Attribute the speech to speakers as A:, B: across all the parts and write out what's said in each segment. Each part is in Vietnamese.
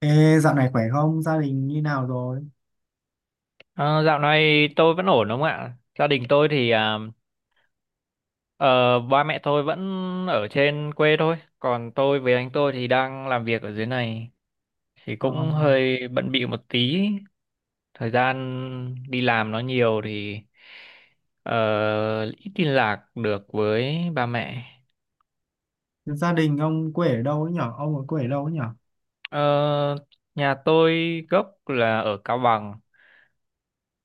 A: Ê, dạo này khỏe không? Gia đình như nào rồi?
B: Ờ, Dạo này tôi vẫn ổn đúng không ạ? Gia đình tôi thì ba mẹ tôi vẫn ở trên quê thôi, còn tôi với anh tôi thì đang làm việc ở dưới này, thì
A: Ờ,
B: cũng hơi bận bịu một tí. Thời gian đi làm nó nhiều thì ờ, ít liên lạc được với ba mẹ.
A: gia đình ông quê ở đâu ấy nhở? Ông ở quê ở đâu ấy nhở?
B: Ờ, Nhà tôi gốc là ở Cao Bằng,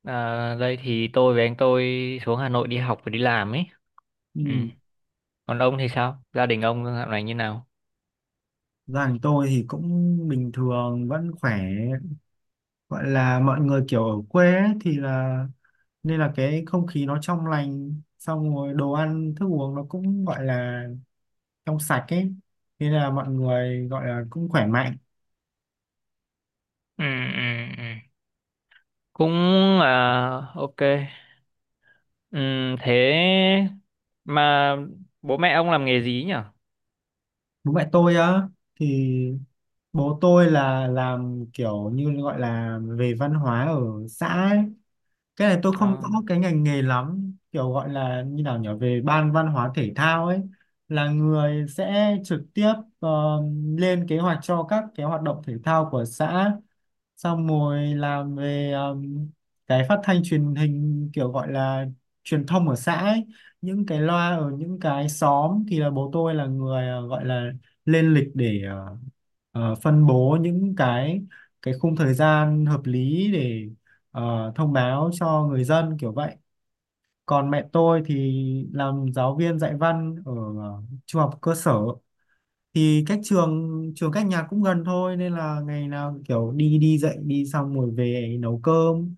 B: đây thì tôi với anh tôi xuống Hà Nội đi học và đi làm ấy. Ừ.
A: Ừ.
B: Còn ông thì sao, gia đình ông dạo này như nào?
A: Gia đình tôi thì cũng bình thường, vẫn khỏe. Gọi là mọi người kiểu ở quê ấy, thì là nên là cái không khí nó trong lành, xong rồi đồ ăn, thức uống nó cũng gọi là trong sạch ấy. Nên là mọi người gọi là cũng khỏe mạnh.
B: Ừ, ừ, ừ, cũng, à, ok, ừ, thế mà bố mẹ ông làm nghề gì nhỉ?
A: Bố mẹ tôi á, thì bố tôi là làm kiểu như gọi là về văn hóa ở xã ấy. Cái này tôi không
B: Ờ,
A: rõ cái ngành nghề lắm, kiểu gọi là như nào nhỉ, về ban văn hóa thể thao ấy, là người sẽ trực tiếp ờ, lên kế hoạch cho các cái hoạt động thể thao của xã, xong rồi làm về cái phát thanh truyền hình, kiểu gọi là truyền thông ở xã ấy. Những cái loa ở những cái xóm thì là bố tôi là người gọi là lên lịch để phân bố những cái khung thời gian hợp lý để thông báo cho người dân kiểu vậy. Còn mẹ tôi thì làm giáo viên dạy văn ở trung học cơ sở, thì cách trường, cách nhà cũng gần thôi nên là ngày nào kiểu đi đi dạy đi xong rồi về nấu cơm.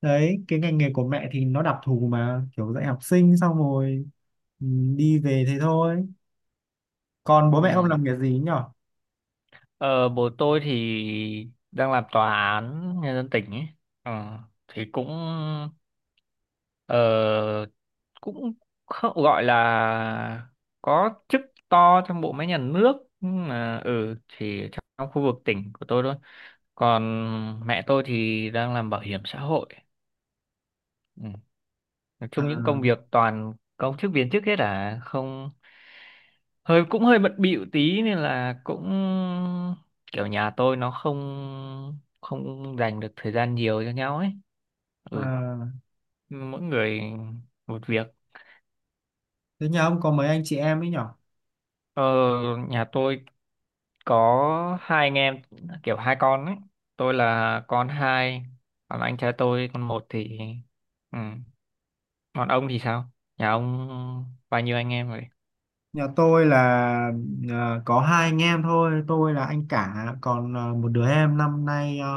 A: Đấy, cái ngành nghề của mẹ thì nó đặc thù mà, kiểu dạy học sinh xong rồi ừ, đi về thế thôi. Còn
B: ừ.
A: bố mẹ ông làm nghề gì nhỉ?
B: Ờ, Bố tôi thì đang làm tòa án nhân dân tỉnh ấy. Ờ, thì cũng, ờ, cũng không gọi là có chức to trong bộ máy nhà nước, nhưng mà ừ thì trong khu vực tỉnh của tôi thôi. Còn mẹ tôi thì đang làm bảo hiểm xã hội. Ừ, nói
A: À,
B: chung những công việc toàn công chức viên chức hết, à không, hơi cũng hơi bận bịu tí nên là cũng kiểu nhà tôi nó không không dành được thời gian nhiều cho nhau ấy. Ừ,
A: à,
B: mỗi người một việc.
A: thế nhà ông có mấy anh chị em ấy nhỉ?
B: ờ, Nhà tôi có hai anh em, kiểu hai con ấy. Tôi là con hai, còn anh trai tôi con một thì ừ. Còn ông thì sao, nhà ông bao nhiêu anh em rồi?
A: Nhà tôi là có hai anh em thôi, tôi là anh cả, còn một đứa em năm nay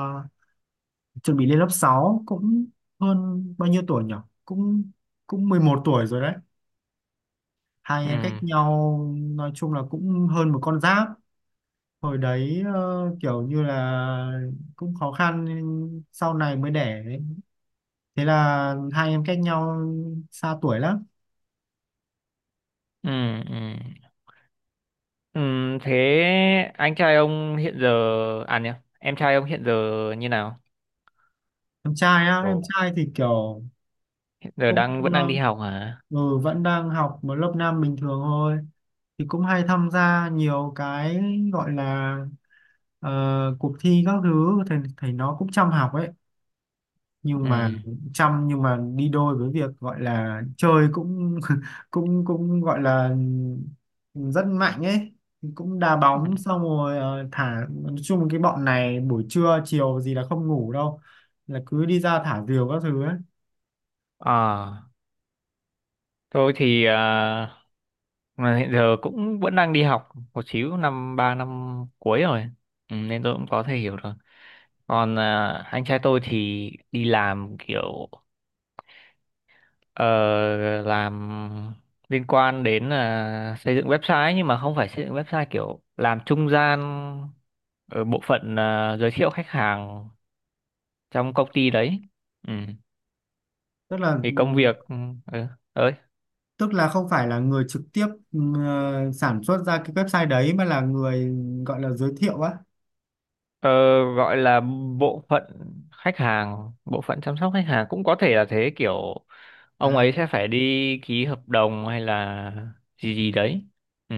A: chuẩn bị lên lớp 6. Cũng hơn bao nhiêu tuổi nhỉ? Cũng cũng 11 tuổi rồi đấy. Hai anh
B: Ừ,
A: em cách nhau nói chung là cũng hơn một con giáp. Hồi đấy kiểu như là cũng khó khăn nên sau này mới đẻ ấy. Thế là hai em cách nhau xa tuổi lắm.
B: ừ, ừ. Thế anh trai ông hiện giờ, à nhỉ, em trai ông hiện giờ như nào?
A: Em trai á, em
B: Ồ.
A: trai thì kiểu
B: Hiện giờ
A: cũng
B: đang vẫn
A: ờ,
B: đang đi học hả?
A: vẫn đang học một lớp 5 bình thường thôi, thì cũng hay tham gia nhiều cái, gọi là ờ, cuộc thi các thứ, thì thầy nó cũng chăm học ấy. Nhưng
B: Ừ.
A: mà chăm nhưng mà đi đôi với việc gọi là chơi cũng cũng cũng gọi là rất mạnh ấy, cũng đá
B: Ừ.
A: bóng xong rồi thả, nói chung cái bọn này buổi trưa chiều gì là không ngủ đâu, là cứ đi ra thả diều các thứ ấy.
B: À, tôi thì à, mà hiện giờ cũng vẫn đang đi học một xíu, năm ba năm cuối rồi. Ừ, nên tôi cũng có thể hiểu rồi. Còn à, anh trai tôi thì đi làm kiểu ờ, làm liên quan đến là xây dựng website, nhưng mà không phải xây dựng website kiểu làm trung gian ở bộ phận, à, giới thiệu khách hàng trong công ty đấy. Ừ.
A: tức là
B: Thì công việc ừ, ơi
A: Tức là không phải là người trực tiếp sản xuất ra cái website đấy mà là người gọi là giới thiệu á.
B: ờ, gọi là bộ phận khách hàng, bộ phận chăm sóc khách hàng cũng có thể là thế, kiểu ông
A: À,
B: ấy sẽ phải đi ký hợp đồng hay là gì gì đấy. Ừ.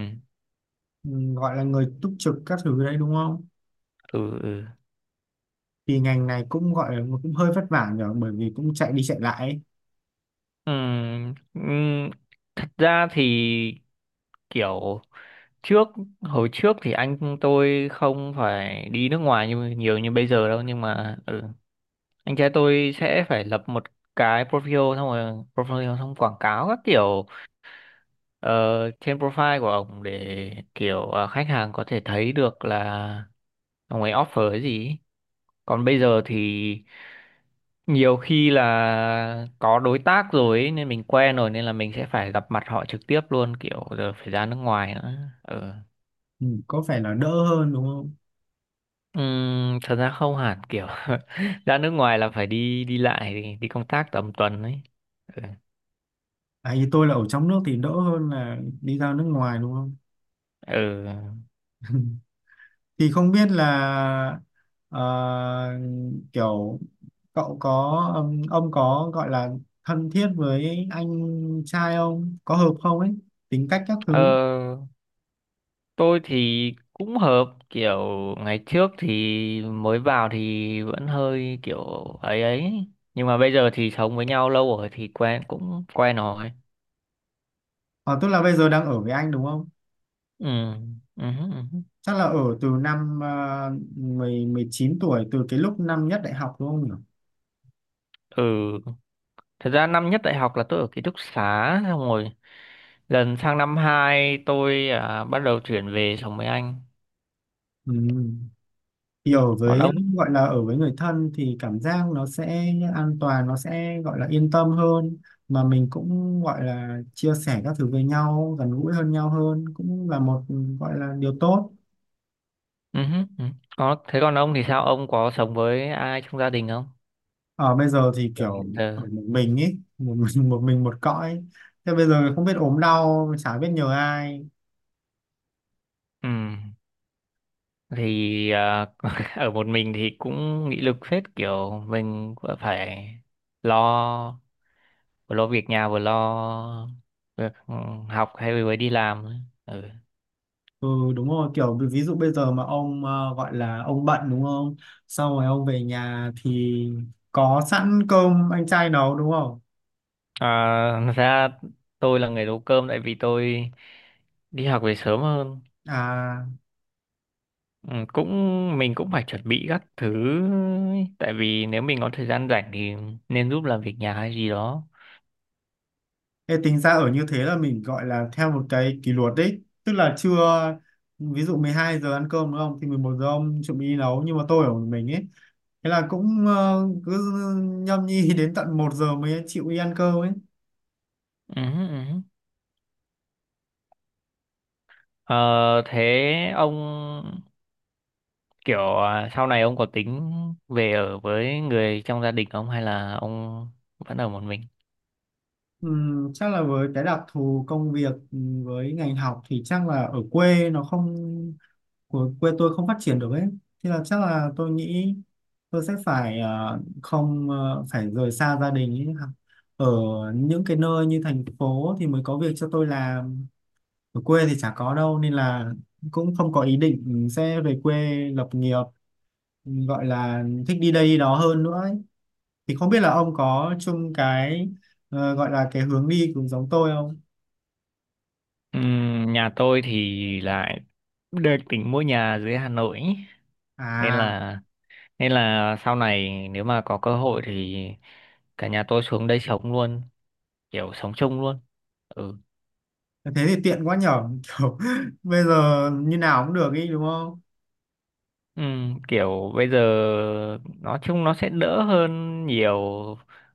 A: ừ, gọi là người túc trực các thứ đấy đúng không?
B: Ừ, ừ.
A: Thì ngành này cũng gọi là cũng hơi vất vả nhở, bởi vì cũng chạy đi chạy lại ấy.
B: Ừm, ừm, thật ra thì kiểu trước, hồi trước thì anh tôi không phải đi nước ngoài như nhiều như bây giờ đâu, nhưng mà ừ, anh trai tôi sẽ phải lập một cái profile, xong rồi profile xong quảng cáo các kiểu, ờ, trên profile của ông để kiểu, khách hàng có thể thấy được là ông ấy offer cái gì. Còn bây giờ thì nhiều khi là có đối tác rồi ấy, nên mình quen rồi nên là mình sẽ phải gặp mặt họ trực tiếp luôn, kiểu giờ phải ra nước ngoài nữa. Ừ.
A: Ừ, có phải là đỡ hơn đúng không?
B: Thật ra không hẳn, kiểu ra nước ngoài là phải đi đi lại, đi công tác tầm tuần ấy. Ừ.
A: À, thì tôi là ở trong nước thì đỡ hơn là đi ra nước ngoài đúng không?
B: Ừ.
A: Thì không biết là ờ, kiểu cậu có ông có gọi là thân thiết với anh trai không, có hợp không ấy, tính cách các
B: Ờ,
A: thứ.
B: tôi thì cũng hợp, kiểu ngày trước thì mới vào thì vẫn hơi kiểu ấy ấy, nhưng mà bây giờ thì sống với nhau lâu rồi thì quen cũng quen rồi.
A: Ờ, tức là bây giờ đang ở với anh đúng không?
B: Ừ. Ừ. Ừ.
A: Chắc là ở từ năm 10 19 tuổi, từ cái lúc năm nhất đại học đúng không nhỉ?
B: Ừ. Thật ra năm nhất đại học là tôi ở ký túc xá, xong rồi lần sang năm 2 tôi à, bắt đầu chuyển về sống với anh.
A: Ừ. Thì ở
B: Còn
A: với,
B: ông?
A: gọi là ở với người thân thì cảm giác nó sẽ an toàn, nó sẽ gọi là yên tâm hơn, mà mình cũng gọi là chia sẻ các thứ với nhau, gần gũi hơn, nhau hơn cũng là một gọi là điều tốt.
B: Ừ, hứ, ừ. Còn, thế còn ông thì sao? Ông có sống với ai trong gia đình không?
A: Ở bây giờ thì
B: Giờ
A: kiểu
B: hiện
A: ở
B: giờ.
A: một mình ấy, một một mình một cõi, thế bây giờ không biết ốm đau chả biết nhờ ai.
B: Ừ. Thì à, ở một mình thì cũng nghị lực phết, kiểu mình vừa phải lo, vừa lo việc nhà, vừa lo việc học, hay vừa đi làm ấy. Ừ.
A: Ừ, đúng rồi, kiểu ví ví dụ bây giờ mà ông gọi là ông bận đúng không, sau rồi ông về nhà thì có sẵn cơm anh trai nấu đúng không?
B: À, thật ra tôi là người nấu cơm, tại vì tôi đi học về sớm hơn.
A: À,
B: Ừ, cũng mình cũng phải chuẩn bị các thứ ấy. Tại vì nếu mình có thời gian rảnh thì nên giúp làm việc nhà hay gì đó.
A: thế tính ra ở như thế là mình gọi là theo một cái kỷ luật đấy, tức là trưa ví dụ 12 giờ ăn cơm đúng không thì 11 giờ ông chuẩn bị đi nấu. Nhưng mà tôi ở một mình ấy, thế là cũng cứ nhâm nhi đến tận 1 giờ mới chịu đi ăn cơm ấy.
B: Ừ, ừ. Ờ, thế ông kiểu à, sau này ông có tính về ở với người trong gia đình không, hay là ông vẫn ở một mình?
A: Chắc là với cái đặc thù công việc, với ngành học thì chắc là ở quê nó không, của quê tôi không phát triển được ấy, thì là chắc là tôi nghĩ tôi sẽ phải ờ, không ờ, phải rời xa gia đình ấy. Ở những cái nơi như thành phố thì mới có việc cho tôi làm, ở quê thì chả có đâu, nên là cũng không có ý định sẽ về quê lập nghiệp, gọi là thích đi đây đi đó hơn nữa ấy. Thì không biết là ông có chung cái gọi là cái hướng đi cũng giống tôi không?
B: Ừ, nhà tôi thì lại được tính mua nhà dưới Hà Nội ý. Nên
A: À,
B: là, nên là sau này nếu mà có cơ hội thì cả nhà tôi xuống đây sống luôn, kiểu sống chung luôn. Ừ.
A: thế thì tiện quá nhở, kiểu bây giờ như nào cũng được ý đúng không?
B: Ừ, kiểu bây giờ nói chung nó sẽ đỡ hơn nhiều,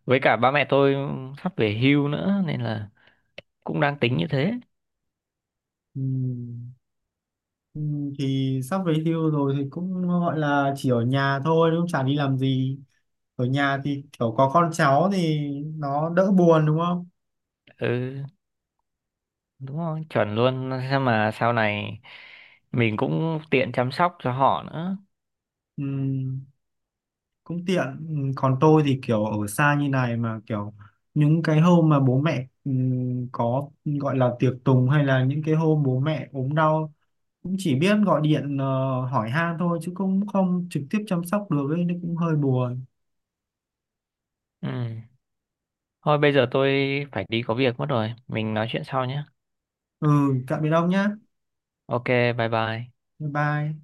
B: với cả ba mẹ tôi sắp về hưu nữa nên là cũng đang tính như thế.
A: Ừ. Ừ, thì sắp về hưu rồi thì cũng gọi là chỉ ở nhà thôi đúng không? Chả đi làm gì. Ở nhà thì kiểu có con cháu thì nó đỡ buồn đúng không?
B: Ừ, đúng rồi, chuẩn luôn. Sao mà sau này mình cũng tiện chăm sóc cho họ nữa.
A: Ừ, cũng tiện. Ừ, còn tôi thì kiểu ở xa như này mà kiểu những cái hôm mà bố mẹ có gọi là tiệc tùng hay là những cái hôm bố mẹ ốm đau, cũng chỉ biết gọi điện hỏi han thôi chứ cũng không trực tiếp chăm sóc được ấy, nó cũng hơi buồn.
B: Ừ. Thôi bây giờ tôi phải đi có việc mất rồi. Mình nói chuyện sau nhé.
A: Ừ, tạm biệt ông nhá.
B: Ok, bye bye.
A: Bye bye.